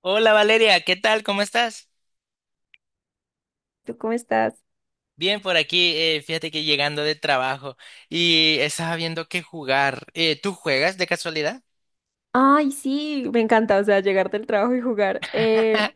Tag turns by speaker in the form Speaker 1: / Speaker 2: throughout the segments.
Speaker 1: Hola Valeria, ¿qué tal? ¿Cómo estás?
Speaker 2: ¿Tú cómo estás?
Speaker 1: Bien, por aquí, fíjate que llegando de trabajo y estaba viendo qué jugar. ¿Tú juegas de casualidad?
Speaker 2: Ay, sí, me encanta, o sea, llegar del trabajo y jugar.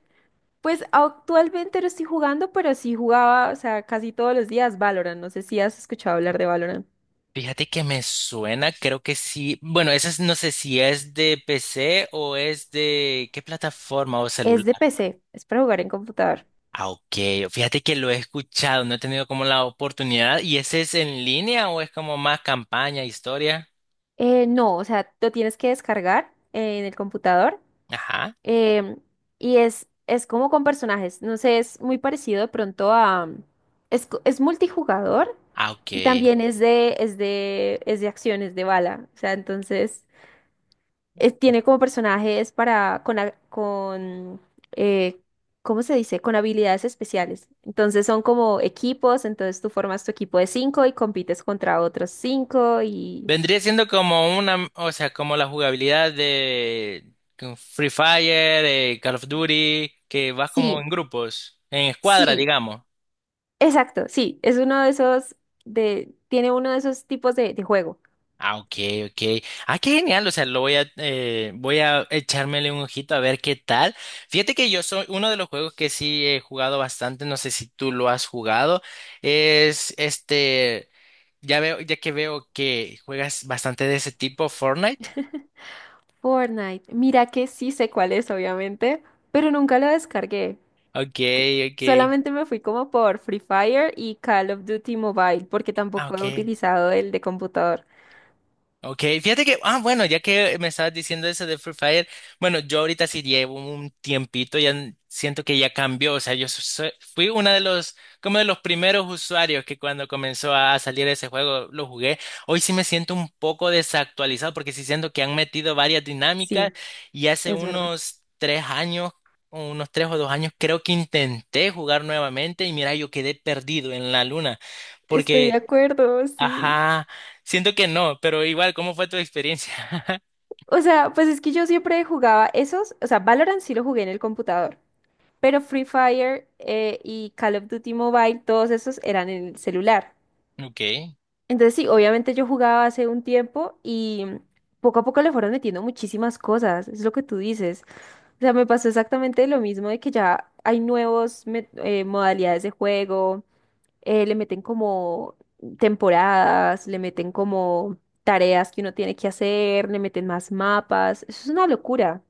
Speaker 2: Pues actualmente no estoy jugando, pero sí jugaba, o sea, casi todos los días Valorant. No sé si has escuchado hablar de Valorant.
Speaker 1: Fíjate que me suena, creo que sí. Bueno, no sé si es de PC o es de qué plataforma o celular.
Speaker 2: Es de PC, es para jugar en computador.
Speaker 1: Ah, ok. Fíjate que lo he escuchado, no he tenido como la oportunidad. ¿Y ese es en línea o es como más campaña, historia?
Speaker 2: No, o sea, lo tienes que descargar en el computador.
Speaker 1: Ajá.
Speaker 2: em, y es como con personajes. No sé, es muy parecido de pronto a... Es multijugador
Speaker 1: Ah, ok.
Speaker 2: y también es de acciones de bala. O sea, entonces... Tiene como personajes para con eh, ¿cómo se dice? Con habilidades especiales. Entonces son como equipos, entonces tú formas tu equipo de cinco y compites contra otros cinco y
Speaker 1: Vendría siendo como una, o sea, como la jugabilidad de con Free Fire, Call of Duty, que vas como
Speaker 2: sí,
Speaker 1: en grupos, en escuadra,
Speaker 2: sí,
Speaker 1: digamos.
Speaker 2: exacto, sí, es uno de esos de tiene uno de esos tipos de juego.
Speaker 1: Ah, ok, ok. Ah, qué genial. O sea, voy a echármele un ojito a ver qué tal. Fíjate que yo soy uno de los juegos que sí he jugado bastante. No sé si tú lo has jugado. Es ya que veo que juegas bastante de ese tipo, Fortnite.
Speaker 2: Fortnite. Mira que sí sé cuál es, obviamente, pero nunca lo descargué.
Speaker 1: Ok, ok.
Speaker 2: Solamente me fui como por Free Fire y Call of Duty Mobile, porque
Speaker 1: Ah,
Speaker 2: tampoco he
Speaker 1: ok.
Speaker 2: utilizado el de computador.
Speaker 1: Ok, fíjate que, ah, bueno, ya que me estabas diciendo eso de Free Fire, bueno, yo ahorita sí llevo un tiempito, siento que ya cambió, o sea, fui como de los primeros usuarios que cuando comenzó a salir ese juego lo jugué. Hoy sí me siento un poco desactualizado porque sí siento que han metido varias dinámicas
Speaker 2: Sí.
Speaker 1: y hace
Speaker 2: Es verdad.
Speaker 1: unos 3 años, o unos 3 o 2 años, creo que intenté jugar nuevamente y mira, yo quedé perdido en la luna
Speaker 2: Estoy de
Speaker 1: porque.
Speaker 2: acuerdo, sí.
Speaker 1: Ajá, siento que no, pero igual, ¿cómo fue tu experiencia?
Speaker 2: O sea, pues es que yo siempre jugaba esos, o sea, Valorant sí lo jugué en el computador, pero Free Fire y Call of Duty Mobile, todos esos eran en el celular.
Speaker 1: Ok.
Speaker 2: Entonces sí, obviamente yo jugaba hace un tiempo y mm, poco a poco le fueron metiendo muchísimas cosas, es lo que tú dices. O sea, me pasó exactamente lo mismo de que ya hay nuevos modalidades de juego. Le meten como temporadas, le meten como tareas que uno tiene que hacer, le meten más mapas. Eso es una locura.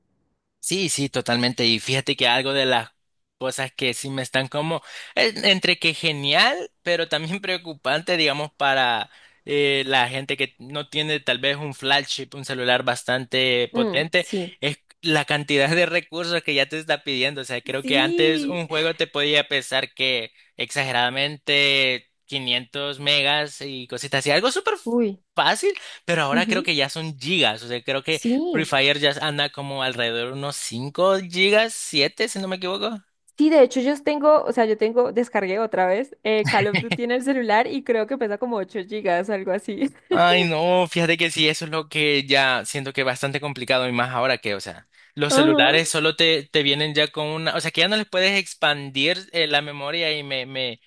Speaker 1: Sí, sí, totalmente. Y fíjate que algo de las cosas que sí me están como entre que genial, pero también preocupante, digamos, para la gente que no tiene tal vez un flagship, un celular bastante
Speaker 2: Mm,
Speaker 1: potente,
Speaker 2: sí.
Speaker 1: es la cantidad de recursos que ya te está pidiendo. O sea, creo que antes
Speaker 2: Sí.
Speaker 1: un juego te podía pesar que exageradamente 500 megas y cositas así, algo súper
Speaker 2: Uy.
Speaker 1: fácil, pero ahora creo
Speaker 2: Ujú.
Speaker 1: que ya son gigas. O sea, creo que
Speaker 2: Sí.
Speaker 1: Free Fire ya anda como alrededor de unos 5 gigas, 7 si no me equivoco.
Speaker 2: Sí, de hecho yo tengo, o sea, yo tengo, descargué otra vez Call of Duty en el celular y creo que pesa como 8 gigas, algo así.
Speaker 1: Ay, no, fíjate que sí, eso es lo que ya siento que es bastante complicado y más ahora que, o sea, los
Speaker 2: Ajá.
Speaker 1: celulares solo te vienen ya o sea, que ya no les puedes expandir la memoria y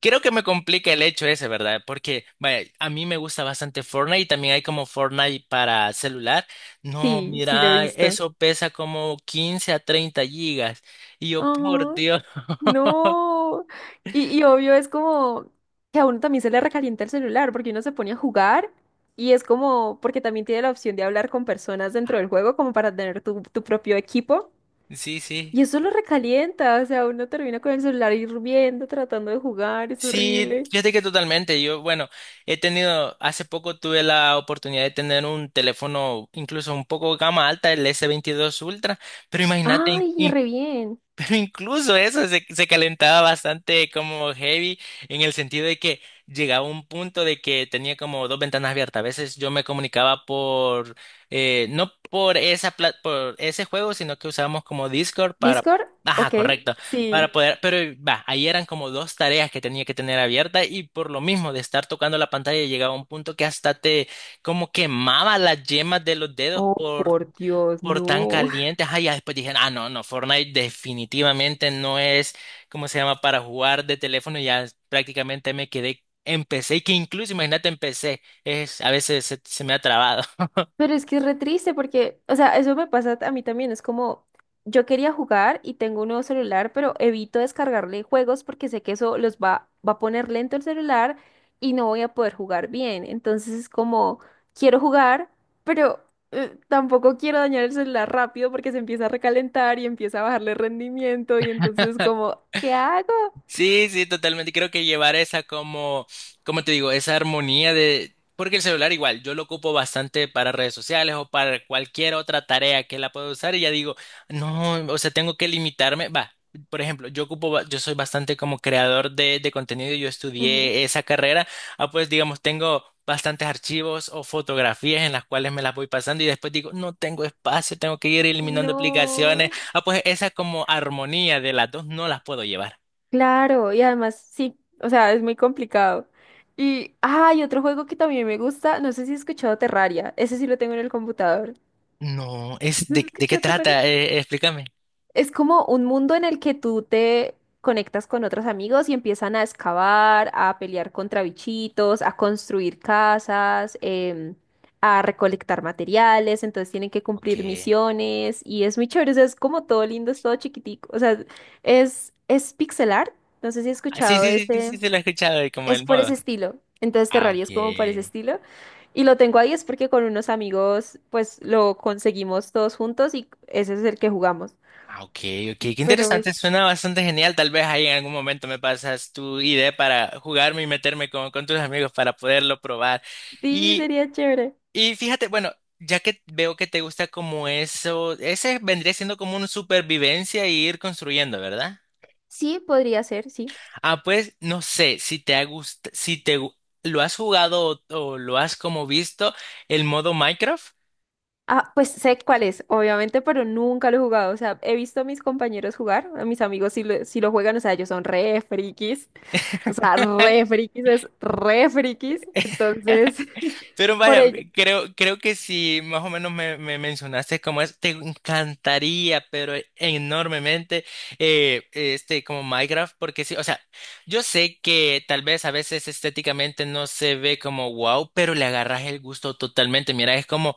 Speaker 1: creo que me complica el hecho ese, ¿verdad? Porque, vaya, a mí me gusta bastante Fortnite y también hay como Fortnite para celular. No,
Speaker 2: Sí, sí lo he
Speaker 1: mira,
Speaker 2: visto.
Speaker 1: eso pesa como 15 a 30 gigas. Y yo, por
Speaker 2: Ajá.
Speaker 1: Dios.
Speaker 2: No. Y obvio es como que a uno también se le recalienta el celular porque uno se pone a jugar y es como porque también tiene la opción de hablar con personas dentro
Speaker 1: Ah,
Speaker 2: del juego como para tener tu propio equipo.
Speaker 1: sí, sí.
Speaker 2: Y eso lo recalienta, o sea, uno termina con el celular hirviendo, tratando de jugar, es
Speaker 1: Sí,
Speaker 2: horrible.
Speaker 1: fíjate que totalmente. Yo, bueno, hace poco tuve la oportunidad de tener un teléfono incluso un poco gama alta, el S22 Ultra, pero imagínate,
Speaker 2: Ay, y re bien.
Speaker 1: pero incluso eso se calentaba bastante como heavy en el sentido de que llegaba un punto de que tenía como dos ventanas abiertas. A veces yo me comunicaba no por por ese juego, sino que usábamos como Discord
Speaker 2: ¿Discord?
Speaker 1: ajá,
Speaker 2: Ok,
Speaker 1: correcto,
Speaker 2: sí.
Speaker 1: para poder, pero va, ahí eran como dos tareas que tenía que tener abiertas y por lo mismo de estar tocando la pantalla llegaba un punto que hasta te como quemaba las yemas de los dedos
Speaker 2: Oh,
Speaker 1: por
Speaker 2: por Dios,
Speaker 1: por tan
Speaker 2: no.
Speaker 1: calientes ya después dije, ah, no, no, Fortnite definitivamente no es, ¿cómo se llama?, para jugar de teléfono. Ya prácticamente empecé, y que incluso, imagínate, empecé, a veces se me ha trabado.
Speaker 2: Pero es que es re triste porque, o sea, eso me pasa a mí también. Es como, yo quería jugar y tengo un nuevo celular, pero evito descargarle juegos porque sé que eso los va a poner lento el celular y no voy a poder jugar bien. Entonces es como, quiero jugar, pero tampoco quiero dañar el celular rápido porque se empieza a recalentar y empieza a bajarle rendimiento y entonces como, ¿qué hago?
Speaker 1: Sí, sí, totalmente. Creo que llevar esa como te digo, esa armonía porque el celular igual, yo lo ocupo bastante para redes sociales o para cualquier otra tarea que la pueda usar y ya digo, no, o sea, tengo que limitarme. Va, por ejemplo, yo soy bastante como creador de contenido, yo
Speaker 2: Ujú.
Speaker 1: estudié esa carrera, ah, pues digamos, tengo bastantes archivos o fotografías en las cuales me las voy pasando y después digo, no tengo espacio, tengo que ir eliminando
Speaker 2: No.
Speaker 1: aplicaciones. Ah, pues esa como armonía de las dos no las puedo llevar.
Speaker 2: Claro, y además sí, o sea, es muy complicado. Y hay otro juego que también me gusta, no sé si has escuchado Terraria, ese sí lo tengo en el computador.
Speaker 1: No,
Speaker 2: ¿No has
Speaker 1: ¿de qué
Speaker 2: escuchado Terraria?
Speaker 1: trata? Explícame.
Speaker 2: Es como un mundo en el que tú te conectas con otros amigos y empiezan a excavar, a pelear contra bichitos, a construir casas, a recolectar materiales, entonces tienen que
Speaker 1: Ok.
Speaker 2: cumplir misiones y es muy chévere, o sea, es como todo lindo, es todo chiquitico, o sea, es pixel art, no sé si has
Speaker 1: Ah, sí,
Speaker 2: escuchado
Speaker 1: sí, sí, sí,
Speaker 2: ese.
Speaker 1: sí, se lo he escuchado, y como
Speaker 2: Es
Speaker 1: el
Speaker 2: por
Speaker 1: modo.
Speaker 2: ese estilo. Entonces
Speaker 1: Ah,
Speaker 2: Terraria es como por ese
Speaker 1: ok.
Speaker 2: estilo. Y lo tengo ahí es porque con unos amigos pues lo conseguimos todos juntos y ese es el que jugamos.
Speaker 1: Ah, ok, ok. Qué
Speaker 2: Pero
Speaker 1: interesante,
Speaker 2: pues
Speaker 1: suena bastante genial. Tal vez ahí en algún momento me pasas tu idea para jugarme y meterme con tus amigos para poderlo probar.
Speaker 2: sí,
Speaker 1: Y,
Speaker 2: sería chévere.
Speaker 1: y fíjate, bueno, ya que veo que te gusta como eso, ese vendría siendo como una supervivencia y ir construyendo, ¿verdad?
Speaker 2: Sí, podría ser, sí.
Speaker 1: Ah, pues no sé si te ha gust- si te gu- lo has jugado o lo has como visto el modo Minecraft.
Speaker 2: Ah, pues sé cuál es, obviamente, pero nunca lo he jugado. O sea, he visto a mis compañeros jugar, a mis amigos si lo, si lo juegan, o sea, ellos son re frikis. O sea, re frikis es re frikis. Entonces,
Speaker 1: Pero
Speaker 2: por
Speaker 1: vaya,
Speaker 2: ello.
Speaker 1: creo que si más o menos me mencionaste cómo es, te encantaría, pero enormemente, como Minecraft, porque sí, o sea, yo sé que tal vez a veces estéticamente no se ve como wow, pero le agarras el gusto totalmente. Mira, es como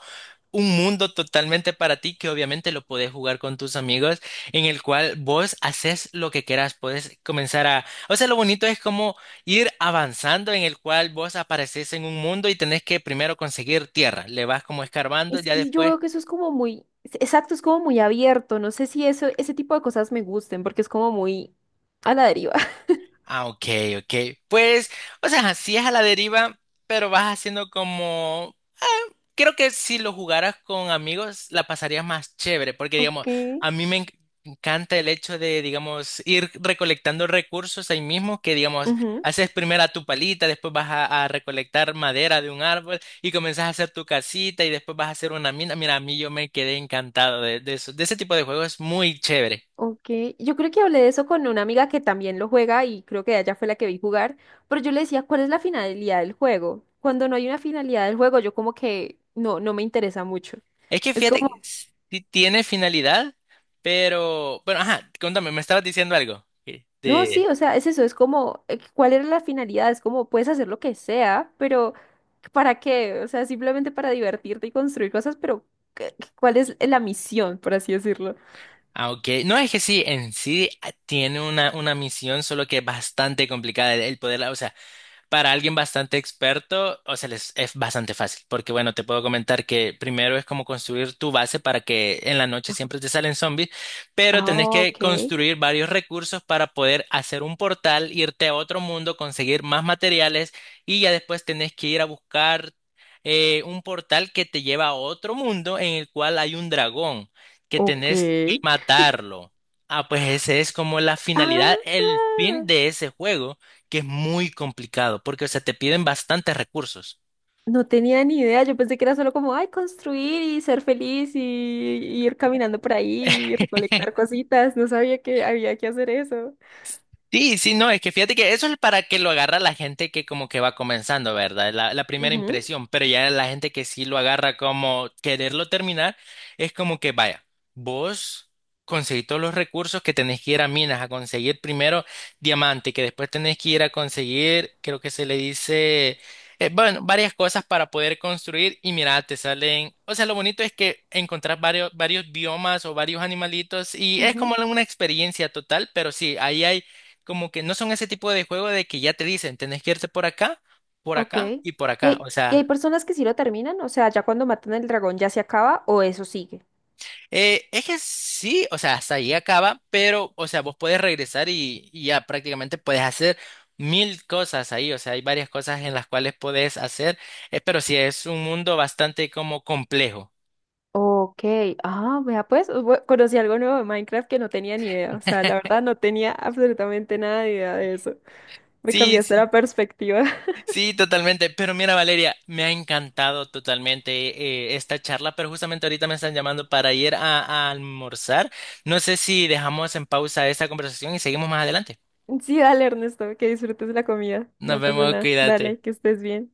Speaker 1: un mundo totalmente para ti que obviamente lo podés jugar con tus amigos, en el cual vos haces lo que quieras, puedes comenzar a. O sea, lo bonito es como ir avanzando en el cual vos apareces en un mundo y tenés que primero conseguir tierra, le vas como escarbando,
Speaker 2: Es
Speaker 1: ya
Speaker 2: que yo
Speaker 1: después.
Speaker 2: veo que eso es como muy, exacto, es como muy abierto. No sé si eso, ese tipo de cosas me gusten, porque es como muy a la deriva.
Speaker 1: Ah, ok, ok. Pues, o sea, así es a la deriva, pero vas haciendo como. Creo que si lo jugaras con amigos, la pasarías más chévere, porque digamos,
Speaker 2: Ok,
Speaker 1: a mí encanta el hecho de, digamos, ir recolectando recursos ahí mismo, que digamos,
Speaker 2: ujú,
Speaker 1: haces primero a tu palita, después vas a recolectar madera de un árbol y comenzás a hacer tu casita y después vas a hacer una mina. Mira, a mí yo me quedé encantado de eso, de ese tipo de juegos, es muy chévere.
Speaker 2: ok. Yo creo que hablé de eso con una amiga que también lo juega y creo que ella fue la que vi jugar, pero yo le decía, ¿cuál es la finalidad del juego? Cuando no hay una finalidad del juego, yo como que no, no me interesa mucho.
Speaker 1: Es que
Speaker 2: Es
Speaker 1: fíjate,
Speaker 2: como.
Speaker 1: que sí tiene finalidad, pero, bueno, ajá, contame, me estabas diciendo algo.
Speaker 2: No, sí,
Speaker 1: De.
Speaker 2: o sea, es eso, es como, ¿cuál era la finalidad? Es como, puedes hacer lo que sea, pero ¿para qué? O sea, simplemente para divertirte y construir cosas, pero ¿cuál es la misión, por así decirlo?
Speaker 1: Ah, ok. No es que sí, en sí tiene una misión, solo que es bastante complicada el poderla, o sea, para alguien bastante experto, o sea, les es bastante fácil, porque bueno, te puedo comentar que primero es como construir tu base para que en la noche siempre te salen zombies, pero tenés
Speaker 2: Ah,
Speaker 1: que
Speaker 2: ok.
Speaker 1: construir varios recursos para poder hacer un portal, irte a otro mundo, conseguir más materiales y ya después tenés que ir a buscar un portal que te lleva a otro mundo en el cual hay un dragón que
Speaker 2: Ok.
Speaker 1: tenés que matarlo. Ah, pues ese es como la finalidad, el
Speaker 2: Ah,
Speaker 1: fin de ese juego que es muy complicado porque, o sea, te piden bastantes recursos.
Speaker 2: no tenía ni idea, yo pensé que era solo como, ay, construir y ser feliz y ir caminando por ahí y recolectar cositas, no sabía que había que hacer eso.
Speaker 1: Sí, sí, no, es que fíjate que eso es para que lo agarra la gente que como que va comenzando, ¿verdad? La primera
Speaker 2: Ujú,
Speaker 1: impresión, pero ya la gente que sí lo agarra como quererlo terminar, es como que vaya, vos conseguís todos los recursos que tenés que ir a minas, a conseguir primero diamante, que después tenés que ir a conseguir, creo que se le dice, bueno, varias cosas para poder construir y mira, te salen, o sea, lo bonito es que encontrás varios biomas o varios animalitos y es como
Speaker 2: ujú.
Speaker 1: una experiencia total, pero sí, ahí hay como que no son ese tipo de juego de que ya te dicen, tenés que irte por
Speaker 2: Ok.
Speaker 1: acá
Speaker 2: ¿Y
Speaker 1: y por acá. O
Speaker 2: y hay
Speaker 1: sea,
Speaker 2: personas que sí lo terminan? O sea, ya cuando matan al dragón ya se acaba o eso sigue.
Speaker 1: es que sí, o sea, hasta ahí acaba, pero, o sea, vos puedes regresar y ya prácticamente puedes hacer mil cosas ahí. O sea, hay varias cosas en las cuales puedes hacer, pero sí es un mundo bastante como complejo.
Speaker 2: Ok. Ah, vea pues, conocí algo nuevo de Minecraft que no tenía ni idea. O sea, la verdad no tenía absolutamente nada de idea de eso. Me
Speaker 1: Sí,
Speaker 2: cambiaste
Speaker 1: sí,
Speaker 2: la perspectiva.
Speaker 1: sí, totalmente. Pero mira, Valeria, me ha encantado totalmente esta charla, pero justamente ahorita me están llamando para ir a almorzar. No sé si dejamos en pausa esta conversación y seguimos más adelante.
Speaker 2: Sí, dale, Ernesto, que disfrutes la comida.
Speaker 1: Nos
Speaker 2: No pasa
Speaker 1: vemos,
Speaker 2: nada.
Speaker 1: cuídate.
Speaker 2: Dale, que estés bien.